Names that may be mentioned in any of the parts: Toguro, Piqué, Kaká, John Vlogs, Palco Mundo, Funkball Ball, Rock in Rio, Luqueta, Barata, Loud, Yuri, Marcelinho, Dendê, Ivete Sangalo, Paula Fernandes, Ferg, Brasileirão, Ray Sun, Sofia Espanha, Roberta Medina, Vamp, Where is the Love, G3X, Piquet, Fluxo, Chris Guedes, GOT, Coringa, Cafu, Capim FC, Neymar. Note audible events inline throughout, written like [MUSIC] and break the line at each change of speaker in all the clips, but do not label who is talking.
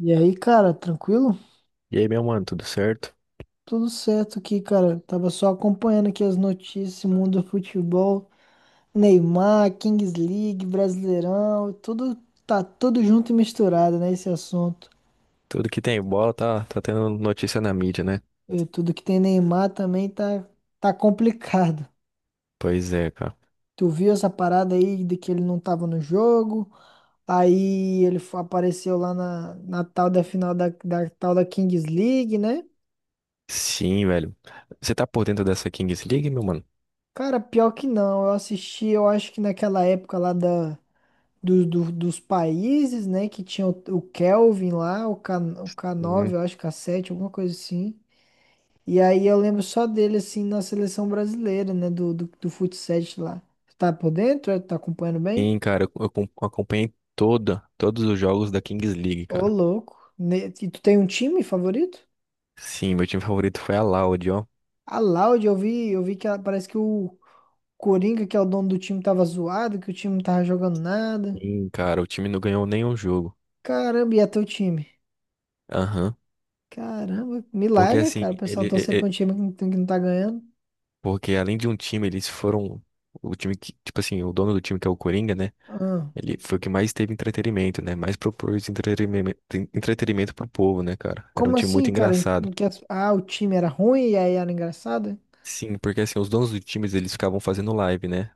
E aí, cara, tranquilo?
E aí, meu mano, tudo certo?
Tudo certo aqui, cara. Tava só acompanhando aqui as notícias, mundo do futebol, Neymar, Kings League, Brasileirão, tudo tá tudo junto e misturado, né, esse assunto.
Tudo que tem bola tá tendo notícia na mídia, né?
E tudo que tem Neymar também tá complicado.
Pois é, cara.
Tu viu essa parada aí de que ele não tava no jogo? Aí ele apareceu lá na tal da final da tal da Kings League, né?
Sim, velho. Você tá por dentro dessa Kings League, meu mano?
Cara, pior que não. Eu assisti, eu acho que naquela época lá dos países, né? Que tinha o Kelvin lá, o k nove
Uhum.
eu acho, k sete alguma coisa assim. E aí eu lembro só dele, assim, na seleção brasileira, né? Do futsal lá. Tá por dentro? É? Tá acompanhando bem?
Sim, cara, acompanhei todos os jogos da Kings League,
Ô,
cara.
louco. E tu tem um time favorito?
Sim, meu time favorito foi a Loud, ó.
A Laude, eu vi que parece que o Coringa, que é o dono do time, tava zoado, que o time não tava jogando nada.
Sim, cara, o time não ganhou nenhum jogo.
Caramba, e é teu time?
Aham.
Caramba,
Porque
milagre,
assim,
cara. O pessoal torcer pra um time que não tá ganhando.
porque além de um time, eles foram o time que, tipo assim, o dono do time que é o Coringa, né?
Ah.
Ele foi o que mais teve entretenimento, né? Mais propôs entretenimento, entretenimento pro povo, né, cara? Era um
Como
time
assim,
muito
cara? Em,
engraçado.
em que o time era ruim e aí era engraçado?
Sim, porque assim, os donos dos times, eles ficavam fazendo live, né?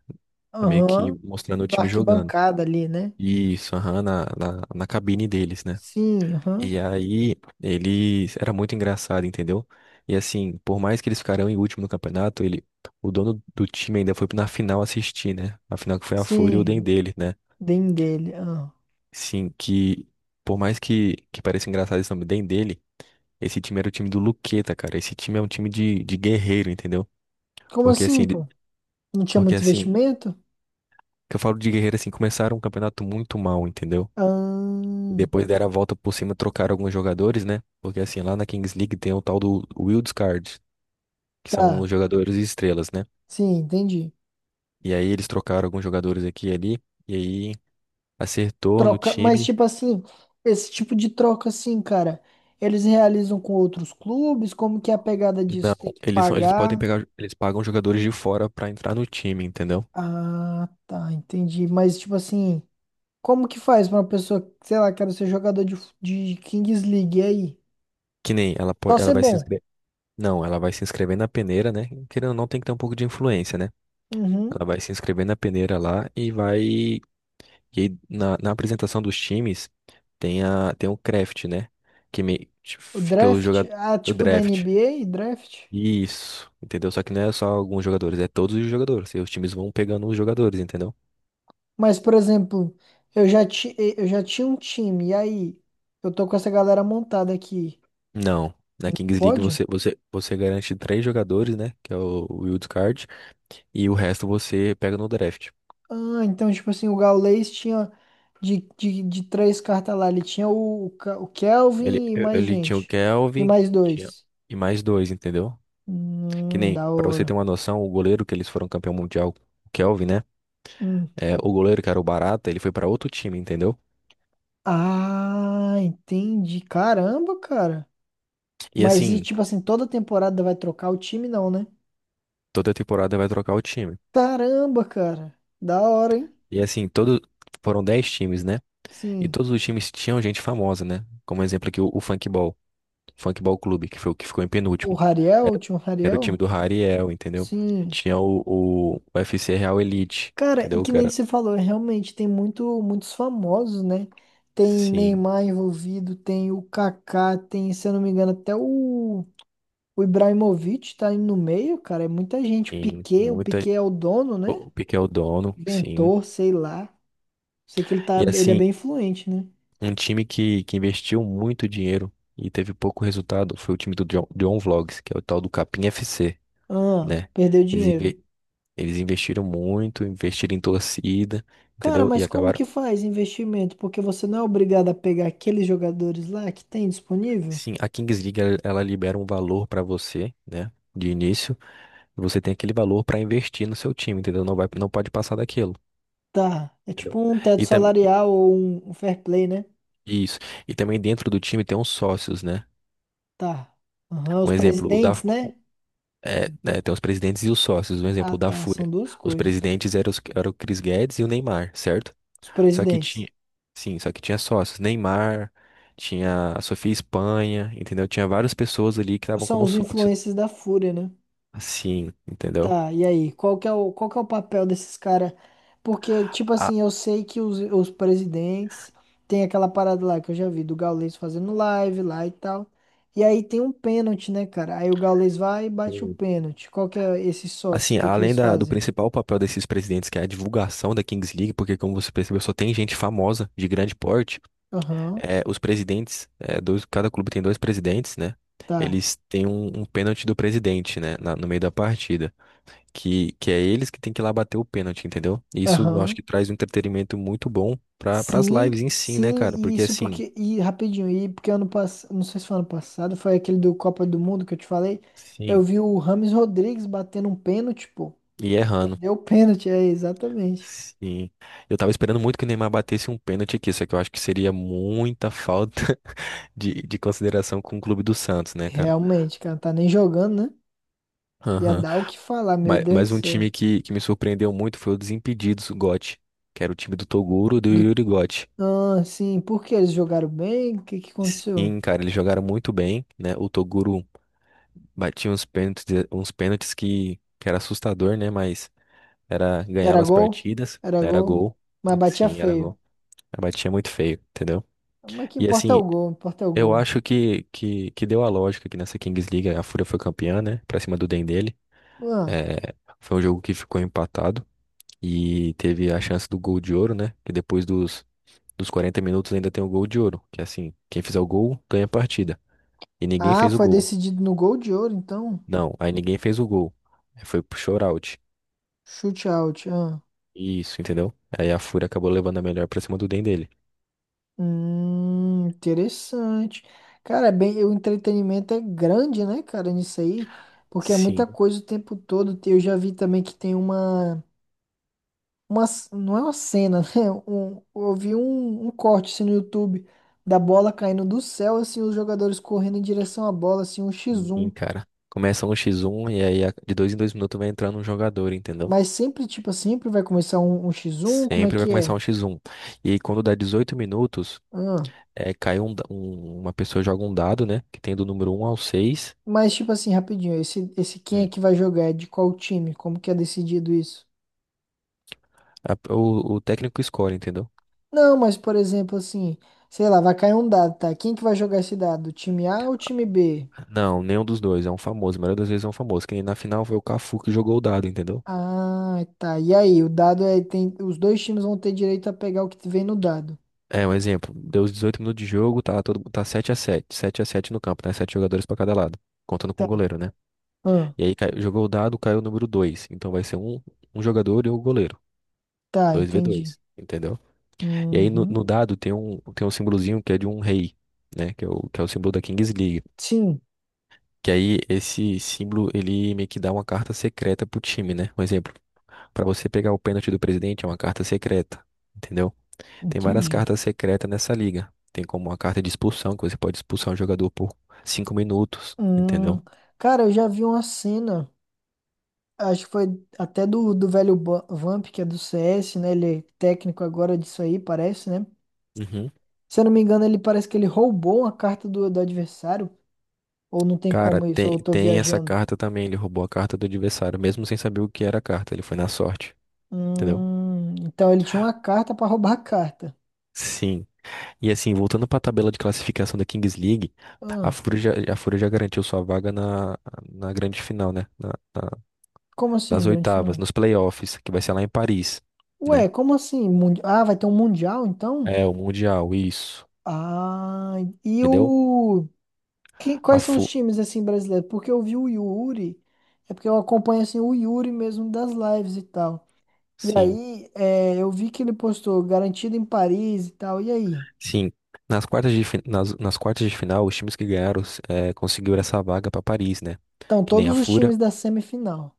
É meio que
Aham.
mostrando o
Da
time jogando.
arquibancada ali, né?
Isso, aham, na cabine deles, né?
Sim, aham.
E aí, eles... Era muito engraçado, entendeu? E assim, por mais que eles ficaram em último no campeonato, ele... O dono do time ainda foi na final assistir, né? A final que foi a Fúria e o
Sim,
Dendê, né?
bem dele. Ah.
Sim, que por mais que pareça engraçado esse nome bem dele, esse time era o time do Luqueta, cara. Esse time é um time de guerreiro, entendeu?
Como
Porque assim,
assim, pô? Não tinha
porque
muito
assim,
investimento?
que eu falo de guerreiro assim, começaram um campeonato muito mal, entendeu?
Ah,
Depois deram a volta por cima, trocaram alguns jogadores, né? Porque assim, lá na Kings League tem o tal do Wildcard, que são os
tá.
jogadores estrelas, né?
Sim, entendi.
E aí eles trocaram alguns jogadores aqui e ali, e aí acertou no
Troca, mas
time.
tipo assim, esse tipo de troca assim, cara, eles realizam com outros clubes? Como que é a pegada
Não,
disso? Tem que
eles podem
pagar?
pegar, eles pagam jogadores de fora pra entrar no time, entendeu?
Ah, tá, entendi. Mas tipo assim. Como que faz pra uma pessoa, que, sei lá, quero ser jogador de Kings League, e aí?
Que nem ela,
Só
ela
ser
vai se
bom.
inscrever. Não, ela vai se inscrever na peneira, né? Querendo ou não, tem que ter um pouco de influência, né?
Uhum.
Ela vai se inscrever na peneira lá e vai. E aí, na apresentação dos times, tem o craft, né?
O
Fica o
draft,
jogador.
ah,
O
tipo da
draft.
NBA, draft.
Isso, entendeu? Só que não é só alguns jogadores, é todos os jogadores. E os times vão pegando os jogadores, entendeu?
Mas, por exemplo, eu já tinha um time, e aí? Eu tô com essa galera montada aqui.
Não. Na Kings League
Pode?
você garante três jogadores, né? Que é o Wild Card. E o resto você pega no draft.
Ah, então, tipo assim, o Gaules tinha de três cartas lá, ele tinha o
Ele,
Kelvin e mais
ele tinha o
gente. E
Kelvin
mais
tinha,
dois.
e mais dois, entendeu? Que nem,
Da
pra você ter
hora.
uma noção, o goleiro que eles foram campeão mundial, o Kelvin, né?
Hum.
É, o goleiro que era o Barata, ele foi pra outro time, entendeu?
Ah, entendi. Caramba, cara.
E
Mas e
assim,
tipo assim, toda temporada vai trocar o time, não, né?
toda temporada vai trocar o time.
Caramba, cara. Da hora, hein?
E assim, foram 10 times, né? E
Sim.
todos os times tinham gente famosa, né? Como exemplo aqui, o Funkball Ball, Clube, que foi o que ficou em
O
penúltimo.
Rariel, o
Era,
time
era o time
Rariel?
do Rariel, entendeu?
Sim.
Tinha o UFC Real Elite,
Cara, e
entendeu?
que
Que
nem
era,
você falou, realmente tem muito, muitos famosos, né? Tem
sim,
Neymar envolvido, tem o Kaká, tem, se eu não me engano, até o Ibrahimovic tá aí no meio, cara. É muita gente.
sim,
O
muita.
Piquet é o dono,
O
né?
o Piqué é o dono, sim.
Inventor, sei lá. Sei que
E
ele é
assim,
bem influente, né?
um time que investiu muito dinheiro e teve pouco resultado foi o time do John, John Vlogs, que é o tal do Capim FC,
Ah,
né?
perdeu
Eles,
dinheiro.
inve- eles investiram muito, investiram em torcida,
Cara,
entendeu? E
mas como que
acabaram.
faz investimento? Porque você não é obrigado a pegar aqueles jogadores lá que tem disponível?
Sim, a Kings League ela libera um valor pra você, né? De início, e você tem aquele valor pra investir no seu time, entendeu? Não vai, não pode passar daquilo.
Tá. É
Entendeu?
tipo um teto
E também
salarial ou um fair play, né?
isso. E também dentro do time tem uns sócios, né?
Tá. Aham, os
Um exemplo,
presidentes, né?
é, né, tem os presidentes e os sócios, um
Ah,
exemplo da
tá. São
Fúria.
duas
Os
coisas.
presidentes eram, eram o Chris Guedes e o Neymar, certo?
Os
Só que
presidentes.
tinha, sim, só que tinha sócios, Neymar, tinha a Sofia Espanha, entendeu? Tinha várias pessoas ali que estavam
São
como
os
sócios.
influencers da Fúria, né?
Assim, entendeu?
Tá, e aí, qual que é o papel desses caras? Porque, tipo
A-
assim, eu sei que os presidentes tem aquela parada lá que eu já vi do Gaules fazendo live lá e tal. E aí tem um pênalti, né, cara? Aí o Gaules vai e bate o pênalti. Qual que é esses sócios? O
Assim,
que que
além
eles
do
fazem?
principal papel desses presidentes, que é a divulgação da Kings League, porque como você percebeu, só tem gente famosa, de grande porte,
Aham,
é, os presidentes, é, dois, cada clube tem dois presidentes, né?
tá.
Eles têm um pênalti do presidente, né? No meio da partida. Que é eles que tem que ir lá bater o pênalti, entendeu? Isso eu acho
Aham.
que traz um entretenimento muito bom para as
Sim,
lives em si, né,
sim,
cara?
e
Porque
isso
assim,
porque. E rapidinho, e porque ano passado. Não sei se foi ano passado, foi aquele do Copa do Mundo que eu te falei. Eu
sim,
vi o Rames Rodrigues batendo um pênalti, pô.
e errando.
Deu pênalti, é, exatamente.
Sim. Eu tava esperando muito que o Neymar batesse um pênalti aqui, só que eu acho que seria muita falta [LAUGHS] de consideração com o clube do Santos, né, cara?
Realmente, cara, tá nem jogando, né? Ia
Aham.
dar o que falar, meu
Mas,
Deus do
mas um
céu.
time que me surpreendeu muito foi o Desimpedidos, o GOT, que era o time do Toguro e do
Do...
Yuri Gotti.
Ah, sim, por que eles jogaram bem? O que que aconteceu?
Sim, cara, eles jogaram muito bem, né? O Toguro batia uns pênaltis que era assustador, né? Mas era,
Era
ganhava as
gol?
partidas,
Era
era
gol.
gol.
Mas batia
Sim, era
feio.
gol. Batia muito feio, entendeu?
Mas que
E
importa é
assim,
o gol, importa é o
eu
gol.
acho que deu a lógica que nessa Kings League a Fúria foi campeã, né? Pra cima do Dendele.
Ah,
É, foi um jogo que ficou empatado. E teve a chance do gol de ouro, né? Que depois dos 40 minutos ainda tem o gol de ouro. Que é assim, quem fizer o gol ganha a partida. E ninguém fez o
foi
gol.
decidido no gol de ouro, então.
Não, aí ninguém fez o gol. Aí foi pro shootout.
Chute out. Ah.
Isso, entendeu? Aí a Fúria acabou levando a melhor pra cima do Den dele.
Interessante. Cara, é bem, o entretenimento é grande, né, cara, nisso aí. Porque é muita
Sim,
coisa o tempo todo. Eu já vi também que tem não é uma cena, [LAUGHS] né? Eu vi um corte assim, no YouTube da bola caindo do céu, assim, os jogadores correndo em direção à bola, assim, um X1.
sim, cara. Começa um x1 e aí de dois em dois minutos vai entrando um jogador, entendeu?
Mas sempre, tipo, sempre vai começar um, X1, como é
Sempre vai
que
começar
é?
um x1. E aí quando dá 18 minutos,
Ah,
é, cai um, da- um- uma pessoa joga um dado, né? Que tem do número um ao 6.
mas, tipo assim, rapidinho, esse quem é
Um.
que vai jogar? É de qual time? Como que é decidido isso?
O técnico escolhe, entendeu?
Não, mas, por exemplo, assim, sei lá, vai cair um dado, tá? Quem que vai jogar esse dado? O time A ou o time B?
Não, nenhum dos dois. É um famoso. A maioria das vezes é um famoso. Que nem na final foi o Cafu que jogou o dado, entendeu?
Ah, tá. E aí, o dado é, tem, os dois times vão ter direito a pegar o que vem no dado.
É, um exemplo. Deu os 18 minutos de jogo, tá, todo, tá sete a sete no campo, né? 7 jogadores pra cada lado. Contando com o goleiro, né?
Ah,
E aí jogou o dado, caiu o número 2. Então vai ser um jogador e o goleiro.
tá,
Dois v
entendi.
dois, entendeu? E aí no
Uhum.
dado tem tem um símbolozinho que é de um rei, né? Que é que é o símbolo da Kings League.
Sim,
Que aí esse símbolo, ele meio que dá uma carta secreta pro time, né? Um exemplo. Para você pegar o pênalti do presidente é uma carta secreta, entendeu? Tem várias
entendi.
cartas secretas nessa liga. Tem como uma carta de expulsão, que você pode expulsar um jogador por cinco minutos,
Hum,
entendeu?
cara, eu já vi uma cena, acho que foi até do velho Vamp, que é do CS, né? Ele é técnico agora disso aí, parece, né?
Uhum.
Se eu não me engano, ele parece que ele roubou uma carta do adversário, ou não tem
Cara,
como isso,
tem,
ou eu tô
tem essa
viajando.
carta também. Ele roubou a carta do adversário, mesmo sem saber o que era a carta. Ele foi na sorte, entendeu?
Então ele tinha uma carta pra roubar a carta.
Sim. E assim, voltando para a tabela de classificação da Kings League,
Ah,
A Fúria já garantiu sua vaga na grande final, né?
como assim,
Nas
grande
oitavas,
final?
nos playoffs, que vai ser lá em Paris.
Ué,
Né?
como assim? Ah, vai ter um mundial então?
É, o Mundial, isso.
Ah, e
Entendeu?
o Que-
A
quais são os
fu
times assim brasileiros? Porque eu vi o Yuri, é porque eu acompanho assim o Yuri mesmo das lives e tal. E
sim,
aí, é, eu vi que ele postou garantido em Paris e tal. E aí?
sim. Nas quartas nas quartas de final, os times que ganharam é, conseguiram essa vaga pra Paris, né?
Então,
Que nem a
todos os
fura
times da semifinal.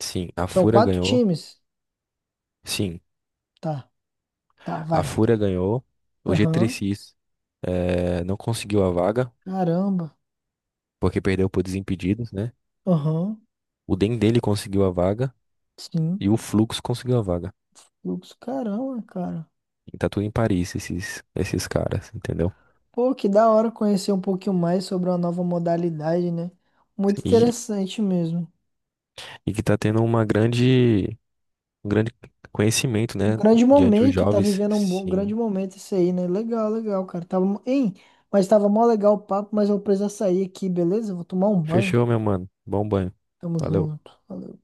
sim, a
São
fura
quatro
ganhou.
times?
Sim,
Tá, tá,
a
vai.
fura ganhou. O
Aham.
G3X é, não conseguiu a vaga,
Caramba.
porque perdeu por desimpedidos, né?
Aham.
O Dendele conseguiu a vaga
Sim.
e o Flux conseguiu a vaga.
Fluxo, caramba, cara.
E tá tudo em Paris, esses caras, entendeu?
Pô, que da hora conhecer um pouquinho mais sobre uma nova modalidade, né? Muito
E,
interessante mesmo.
e que tá tendo uma grande. Um grande conhecimento, né,
Grande
diante dos
momento, tá
jovens.
vivendo um bom, grande
Sim.
momento isso aí, né? Legal, legal, cara. Tava, hein? Mas tava mó legal o papo, mas eu preciso sair aqui, beleza? Vou tomar um banho.
Fechou, meu mano. Bom banho.
Tamo
Valeu.
junto. Valeu.